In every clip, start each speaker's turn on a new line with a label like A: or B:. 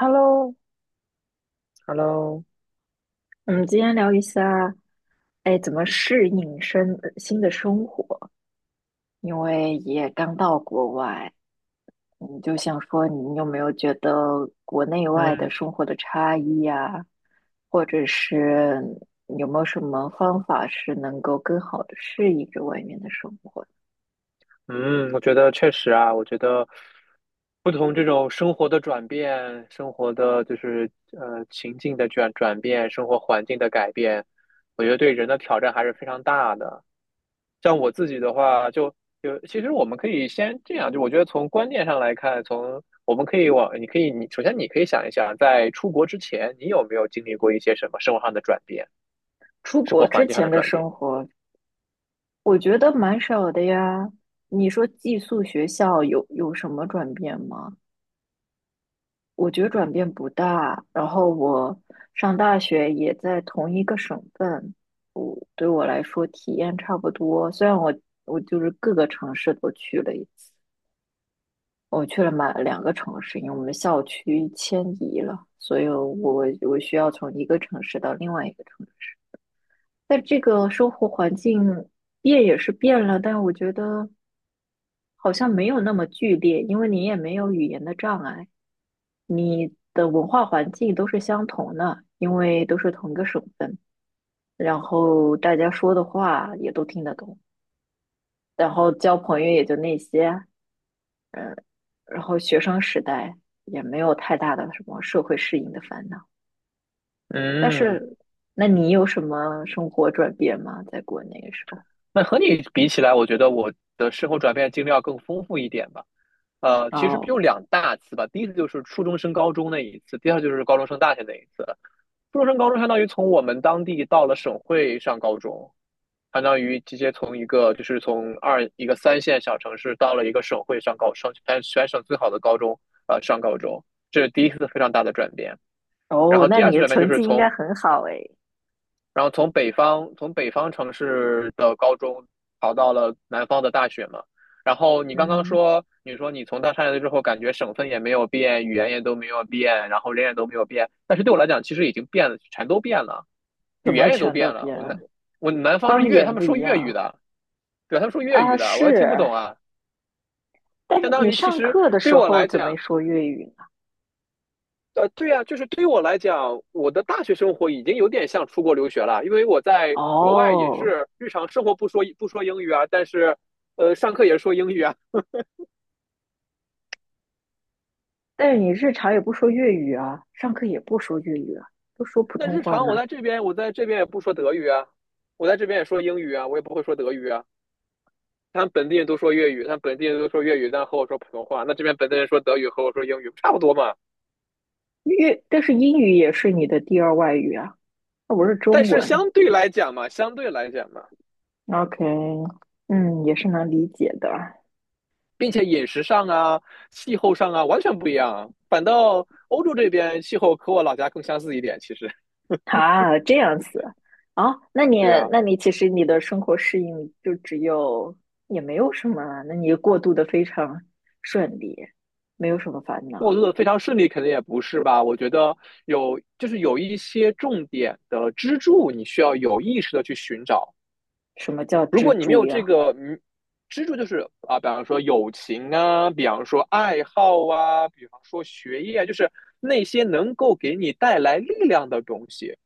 A: Hello，
B: Hello，
A: 我们今天聊一下，哎，怎么适应生呃新的生活？因为也刚到国外，你就想说，你有没有觉得国内外的
B: 嗯
A: 生活的差异呀、或者是有没有什么方法是能够更好的适应着外面的生活？
B: 嗯，我觉得确实啊，我觉得不同这种生活的转变，生活的就是情境的转变，生活环境的改变，我觉得对人的挑战还是非常大的。像我自己的话，就其实我们可以先这样，就我觉得从观念上来看，从我们可以往你可以你首先你可以想一想，在出国之前，你有没有经历过一些什么生活上的转变，
A: 出
B: 生活
A: 国
B: 环
A: 之
B: 境上的
A: 前的
B: 转变？
A: 生活，我觉得蛮少的呀。你说寄宿学校有什么转变吗？我觉得转变不大。然后我上大学也在同一个省份，我对我来说体验差不多。虽然我我各个城市都去了一次，我去了满两个城市，因为我们校区迁移了，所以我需要从一个城市到另外一个城市。但这个生活环境变也是变了，但我觉得好像没有那么剧烈，因为你也没有语言的障碍。你的文化环境都是相同的，因为都是同一个省份，然后大家说的话也都听得懂，然后交朋友也就那些，然后学生时代也没有太大的什么社会适应的烦恼。但
B: 嗯。
A: 是，那你有什么生活转变吗？在国内的时候？
B: 那和你比起来，我觉得我的生活转变经历要更丰富一点吧。其实
A: 哦
B: 有两大次吧，第一次就是初中升高中那一次，第二就是高中升大学那一次。初中升高中相当于从我们当地到了省会上高中，相当于直接从一个就是从二一个三线小城市到了一个省会上全省最好的高中，上高中，这是第一次非常大的转变。然
A: 哦，
B: 后
A: 那
B: 第二
A: 你
B: 次
A: 的
B: 转变就
A: 成
B: 是
A: 绩应该很好诶。
B: 从北方城市的高中考到了南方的大学嘛。然后你刚刚
A: 嗯，
B: 说，你说你从大山来了之后，感觉省份也没有变，语言也都没有变，然后人也都没有变。但是对我来讲，其实已经变了，全都变了，
A: 怎
B: 语
A: 么
B: 言也都
A: 全都
B: 变了。
A: 变了？
B: 我南方是
A: 方
B: 粤，他
A: 言
B: 们
A: 不
B: 说
A: 一
B: 粤语
A: 样。
B: 的，对，他们说粤
A: 啊，
B: 语的，我也听不懂
A: 是。
B: 啊。
A: 但
B: 相当
A: 你
B: 于其
A: 上
B: 实
A: 课的
B: 对
A: 时
B: 我
A: 候
B: 来
A: 怎么
B: 讲，
A: 说粤语？
B: 对呀，就是对于我来讲，我的大学生活已经有点像出国留学了，因为我在国外也
A: 哦，
B: 是日常生活不说英语啊，但是，上课也是说英语啊。
A: 但是你日常也不说粤语啊，上课也不说粤语啊，都说 普
B: 那
A: 通
B: 日
A: 话
B: 常
A: 呢。
B: 我在这边，我在这边也不说德语啊，我在这边也说英语啊，我也不会说德语啊。他们本地人都说粤语，他们本地人都说粤语，但和我说普通话。那这边本地人说德语和我说英语，差不多嘛。
A: 粤，但是英语也是你的第二外语啊，那我是
B: 但
A: 中
B: 是
A: 文。
B: 相对来讲嘛，相对来讲嘛，
A: OK，嗯，也是能理解的。
B: 并且饮食上啊、气候上啊完全不一样啊。反倒欧洲这边气候和我老家更相似一点，其实
A: 啊，这样子。啊，那你
B: 对啊。
A: 其实你的生活适应就只有也没有什么啊那你过渡的非常顺利，没有什么烦
B: 过
A: 恼。
B: 渡的非常顺利，肯定也不是吧？我觉得就是有一些重点的支柱，你需要有意识的去寻找，
A: 什么叫
B: 如
A: 支
B: 果你没
A: 柱
B: 有这
A: 呀？
B: 个支柱，就是啊，比方说友情啊，比方说爱好啊，比方说学业啊，就是那些能够给你带来力量的东西。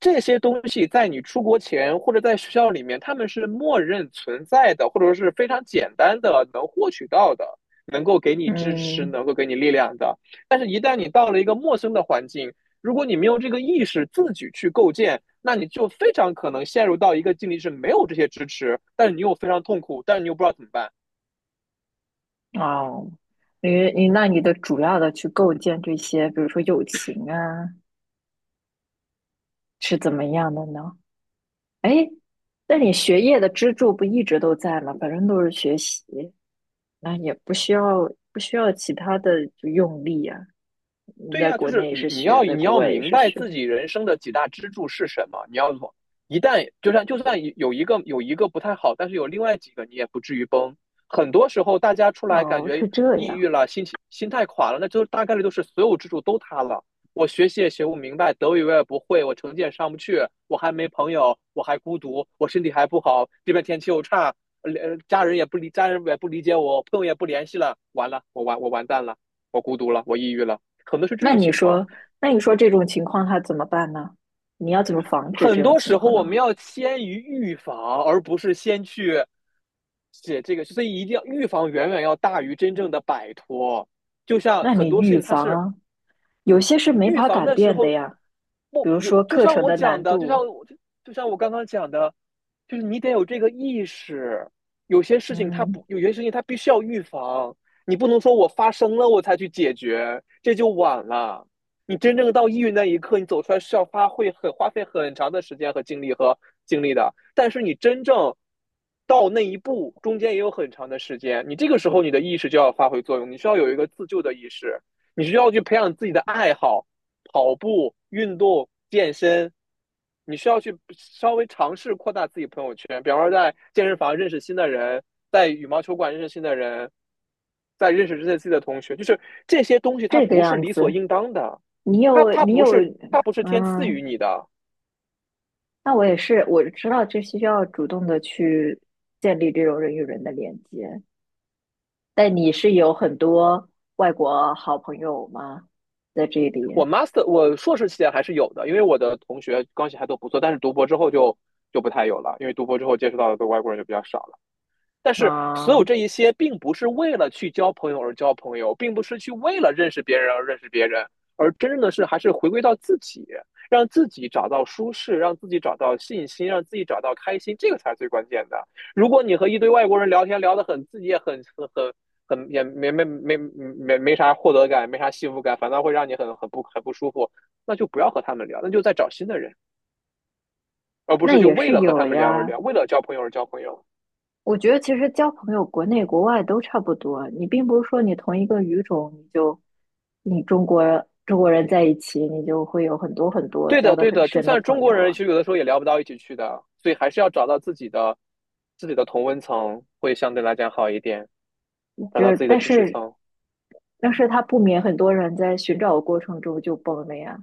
B: 这些东西在你出国前或者在学校里面，他们是默认存在的，或者说是非常简单的能获取到的，能够给你支持，
A: 嗯。
B: 能够给你力量的。但是，一旦你到了一个陌生的环境，如果你没有这个意识，自己去构建，那你就非常可能陷入到一个境地，是没有这些支持，但是你又非常痛苦，但是你又不知道怎么办。
A: 哦，那你的主要的去构建这些，比如说友情啊，是怎么样的呢？哎，那你学业的支柱不一直都在吗？反正都是学习，那也不需要其他的就用力啊。你
B: 对
A: 在
B: 呀，啊就
A: 国
B: 是
A: 内也
B: 你
A: 是
B: 你
A: 学，
B: 要
A: 在
B: 你
A: 国
B: 要
A: 外也
B: 明
A: 是
B: 白
A: 学。
B: 自己人生的几大支柱是什么，你要从一旦就算有一个不太好，但是有另外几个你也不至于崩。很多时候大家出来感
A: 哦，
B: 觉
A: 是这
B: 抑
A: 样。
B: 郁了，心态垮了，那就大概率都是所有支柱都塌了。我学习也学不明白，德语我也不会，我成绩也上不去，我还没朋友，我还孤独，我身体还不好，这边天气又差，家人也不理，家人也不理解我，朋友也不联系了，完了，我完蛋了，我孤独了，我抑郁了。可能是这
A: 那
B: 种
A: 你
B: 情况。
A: 说，那你说这种情况他怎么办呢？你要怎么防止这
B: 很
A: 种
B: 多
A: 情
B: 时候
A: 况
B: 我
A: 呢？
B: 们要先于预防，而不是先去写这个，所以一定要预防远远要大于真正的摆脱。就像
A: 那你
B: 很多事
A: 预
B: 情，它
A: 防
B: 是
A: 啊，有些是没
B: 预
A: 法
B: 防
A: 改
B: 的时
A: 变的
B: 候，
A: 呀，比
B: 不
A: 如
B: 有
A: 说
B: 就
A: 课
B: 像
A: 程
B: 我
A: 的
B: 讲
A: 难
B: 的，就
A: 度。
B: 像我就像我刚刚讲的，就是你得有这个意识，有些事情它
A: 嗯，
B: 不，有些事情它必须要预防，你不能说我发生了我才去解决，这就晚了。你真正到抑郁那一刻，你走出来是要花费很长的时间和精力的，但是你真正。到那一步中间也有很长的时间，你这个时候你的意识就要发挥作用，你需要有一个自救的意识，你需要去培养自己的爱好，跑步、运动、健身，你需要去稍微尝试扩大自己朋友圈，比方说在健身房认识新的人，在羽毛球馆认识新的人，在认识这些自己的同学，就是这些东西它
A: 这个
B: 不是
A: 样
B: 理所
A: 子，
B: 应当的，
A: 你
B: 它
A: 有
B: 它
A: 你
B: 不
A: 有，
B: 是它不是天赐予
A: 嗯，
B: 你的。
A: 那我也是，我知道这需要主动的去建立这种人与人的连接。但你是有很多外国好朋友吗？在这里。
B: 我 master 我硕士期间还是有的，因为我的同学关系还都不错，但是读博之后就不太有了，因为读博之后接触到的外国人就比较少了。但是所
A: 啊，
B: 有这一些，并不是为了去交朋友而交朋友，并不是去为了认识别人而认识别人，而真正的是还是回归到自己，让自己找到舒适，让自己找到信心，让自己找到开心，这个才是最关键的。如果你和一堆外国人聊天聊得很，自己也很很很很也没没没没没啥获得感，没啥幸福感，反倒会让你很不舒服，那就不要和他们聊，那就再找新的人，而不
A: 那
B: 是就
A: 也
B: 为
A: 是
B: 了和
A: 有
B: 他们聊而
A: 呀。
B: 聊，为了交朋友而交朋友。
A: 我觉得其实交朋友，国内国外都差不多。你并不是说你同一个语种，你就你中国人在一起，你就会有很多很多
B: 对
A: 交
B: 的，
A: 的
B: 对
A: 很
B: 的，就
A: 深的
B: 算
A: 朋
B: 中国
A: 友
B: 人，
A: 啊。
B: 其实有的时候也聊不到一起去的，所以还是要找到自己的同温层，会相对来讲好一点，找
A: 就
B: 到
A: 是
B: 自己的
A: 但
B: 知识
A: 是
B: 层。
A: 但是他不免很多人在寻找的过程中就崩了呀。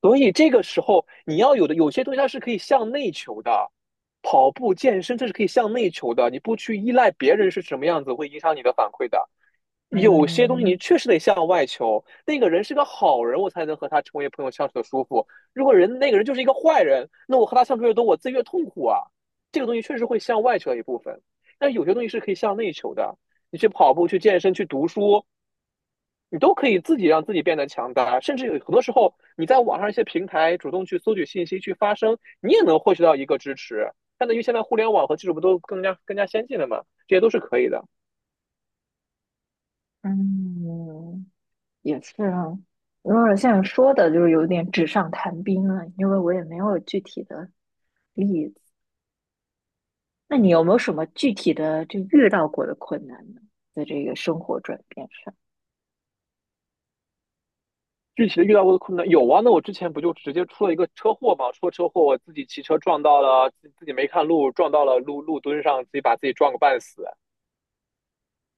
B: 所以这个时候，你要有的有些东西它是可以向内求的，跑步、健身这是可以向内求的，你不去依赖别人是什么样子，会影响你的反馈的。有些东西
A: 嗯
B: 你确实得向外求，那个人是个好人，我才能和他成为朋友相处的舒服。如果那个人就是一个坏人，那我和他相处越多，我自己越痛苦啊。这个东西确实会向外求一部分，但有些东西是可以向内求的。你去跑步、去健身、去读书，你都可以自己让自己变得强大。甚至有很多时候，你在网上一些平台主动去搜取信息、去发声，你也能获取到一个支持。相当于现在互联网和技术不都更加先进了嘛？这些都是可以的。
A: 嗯，也是啊，有点像说的，就是有点纸上谈兵了，因为我也没有具体的例子。那你有没有什么具体的就遇到过的困难呢？在这个生活转变上。
B: 具体的遇到过的困难有啊，那我之前不就直接出了一个车祸嘛？出了车祸，我自己骑车撞到了，自己没看路，撞到了路墩上，自己把自己撞个半死。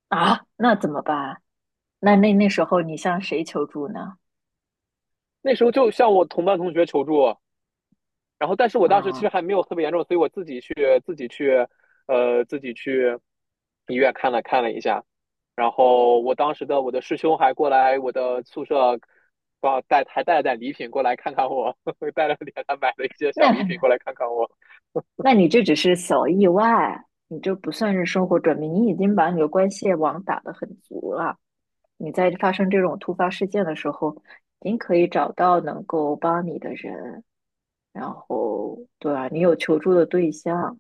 A: 啊，那怎么办啊？那时候你向谁求助呢？
B: 那时候就向我同班同学求助，然后但是我当时其
A: 啊、
B: 实还没有特别严重，所以我自己去自己去呃自己去医院看了一下，然后我当时的我的师兄还过来我的宿舍，带了点礼品过来看看我，呵呵带了点他买了一些小
A: 那
B: 礼品 过来看看我，
A: 那你这只是小意外，你这不算是生活转变，你已经把你的关系网打得很足了。你在发生这种突发事件的时候，您可以找到能够帮你的人，然后对吧？你有求助的对象，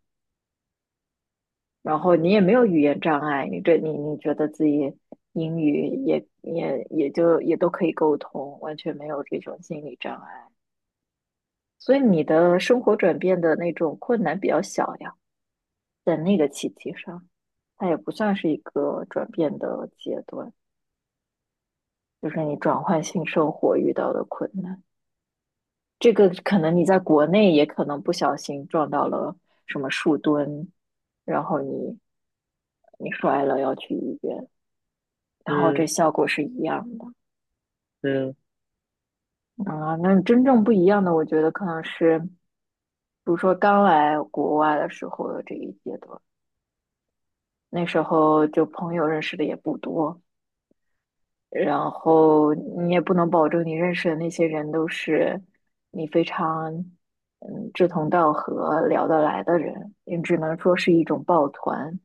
A: 然后你也没有语言障碍，你这你你觉得自己英语也也也就也都可以沟通，完全没有这种心理障碍，所以你的生活转变的那种困难比较小呀，在那个契机上，它也不算是一个转变的阶段，就是你转换性生活遇到的困难。这个可能你在国内也可能不小心撞到了什么树墩，然后你摔了要去医院，然后这
B: 嗯
A: 效果是一样的
B: 嗯。
A: 啊。那真正不一样的，我觉得可能是，比如说刚来国外的时候的这一阶段，那时候就朋友认识的也不多，然后你也不能保证你认识的那些人都是你非常志同道合、聊得来的人，你只能说是一种抱团，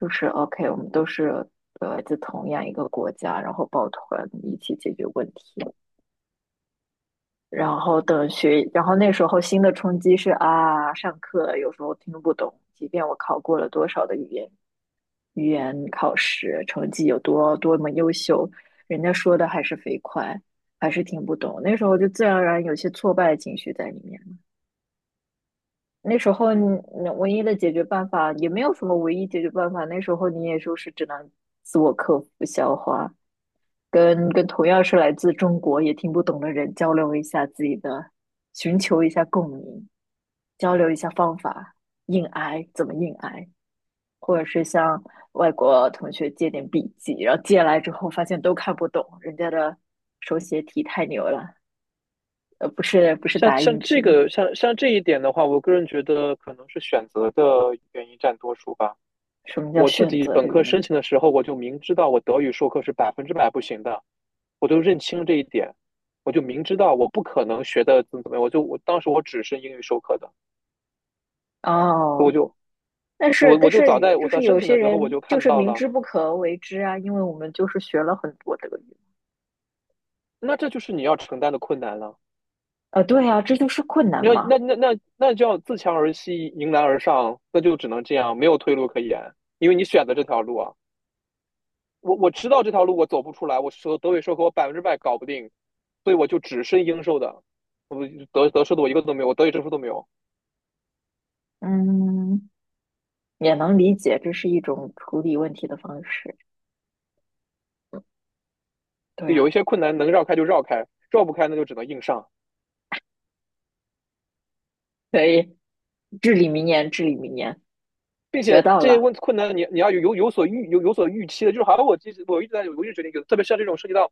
A: 就是 OK，我们都是来自同样一个国家，然后抱团一起解决问题。然后等学，然后那时候新的冲击是啊，上课有时候听不懂，即便我考过了多少的语言。语言考试成绩有多么优秀，人家说的还是飞快，还是听不懂。那时候就自然而然有些挫败的情绪在里面。那时候你唯一的解决办法也没有什么唯一解决办法，那时候你也就是只能自我克服、消化，跟同样是来自中国也听不懂的人交流一下自己的，寻求一下共鸣，交流一下方法，硬挨怎么硬挨。或者是向外国同学借点笔记，然后借来之后发现都看不懂，人家的手写体太牛了，不是
B: 像
A: 打
B: 像
A: 印
B: 这
A: 体，
B: 个像像这一点的话，我个人觉得可能是选择的原因占多数吧。
A: 什么叫
B: 我自
A: 选
B: 己
A: 择
B: 本
A: 的
B: 科
A: 原
B: 申
A: 因？
B: 请的时候，我就明知道我德语授课是百分之百不行的，我就认清这一点，我就明知道我不可能学的怎么怎么样，我就我当时我只是英语授课的，我
A: 哦，
B: 就
A: 但是但
B: 我就早
A: 是
B: 在
A: 就
B: 我在
A: 是
B: 申
A: 有
B: 请
A: 些
B: 的时候我
A: 人
B: 就
A: 就
B: 看
A: 是
B: 到
A: 明
B: 了，
A: 知不可为之啊，因为我们就是学了很多德语，
B: 那这就是你要承担的困难了。
A: 对啊，这就是困难
B: 你要
A: 嘛，
B: 那那那那就要自强而息，迎难而上，那就只能这样，没有退路可言，因为你选择这条路啊。我知道这条路我走不出来，我说德语说和我百分之百搞不定，所以我就只申英授的，德授的我一个都没有，我德语证书都没有，
A: 嗯，也能理解，这是一种处理问题的方式，对
B: 就
A: 呀、啊，
B: 有一些困难能绕开就绕开，绕不开那就只能硬上。
A: 可以，至理名言，至理名言，
B: 并
A: 学
B: 且
A: 到
B: 这些
A: 了，
B: 困难你要有所预期的，就是好像我其实我一直在我一直决定，特别是像这种涉及到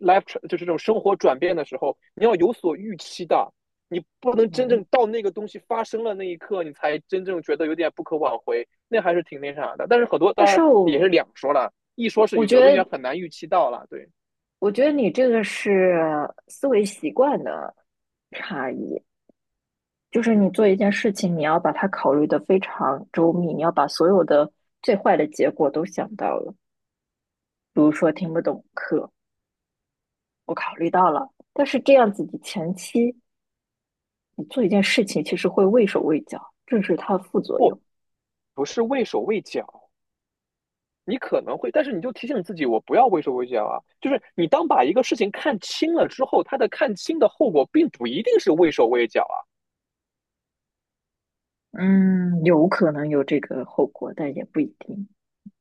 B: life 就是这种生活转变的时候，你要有所预期的，你不能真
A: 嗯。
B: 正到那个东西发生了那一刻，你才真正觉得有点不可挽回，那还是挺那啥的。但是很多
A: 但
B: 当
A: 是
B: 然也
A: 我
B: 是两说了，一说是
A: 我觉
B: 有的东西
A: 得，
B: 很难预期到了，对，
A: 我觉得你这个是思维习惯的差异，就是你做一件事情，你要把它考虑的非常周密，你要把所有的最坏的结果都想到了。比如说听不懂课，我考虑到了，但是这样子你前期你做一件事情，其实会畏手畏脚，这是它的副作
B: 不
A: 用。
B: 不是畏手畏脚，你可能会，但是你就提醒自己，我不要畏手畏脚啊。就是你当把一个事情看清了之后，它的看清的后果并不一定是畏手畏脚啊。
A: 嗯，有可能有这个后果，但也不一定。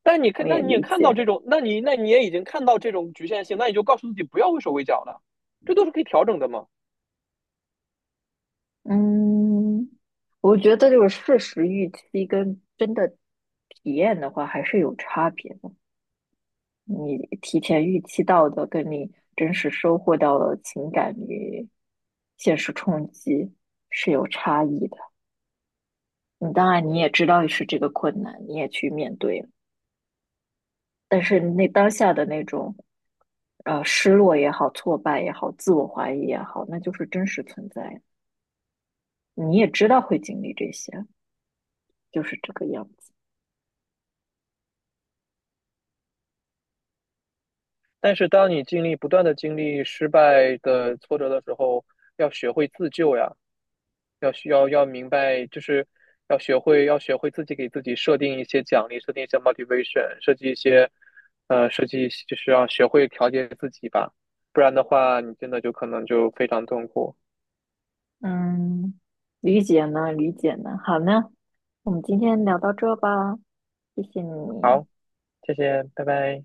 B: 但你看，
A: 我也理解。
B: 那你也已经看到这种局限性，那你就告诉自己不要畏手畏脚了，这都是可以调整的嘛。
A: 嗯，我觉得就是事实预期跟真的体验的话还是有差别的。你提前预期到的，跟你真实收获到的情感与现实冲击是有差异的。你当然你也知道是这个困难，你也去面对了，但是那当下的那种失落也好、挫败也好、自我怀疑也好，那就是真实存在的你也知道会经历这些，就是这个样子。
B: 但是当你不断的经历失败的挫折的时候，要学会自救呀。要需要要明白，就是要学会自己给自己设定一些奖励，设定一些 motivation，设计一些就是要学会调节自己吧，不然的话，你真的就可能就非常痛苦。
A: 嗯，理解呢，理解呢。好呢，我们今天聊到这吧，谢谢你，
B: 谢谢，拜拜。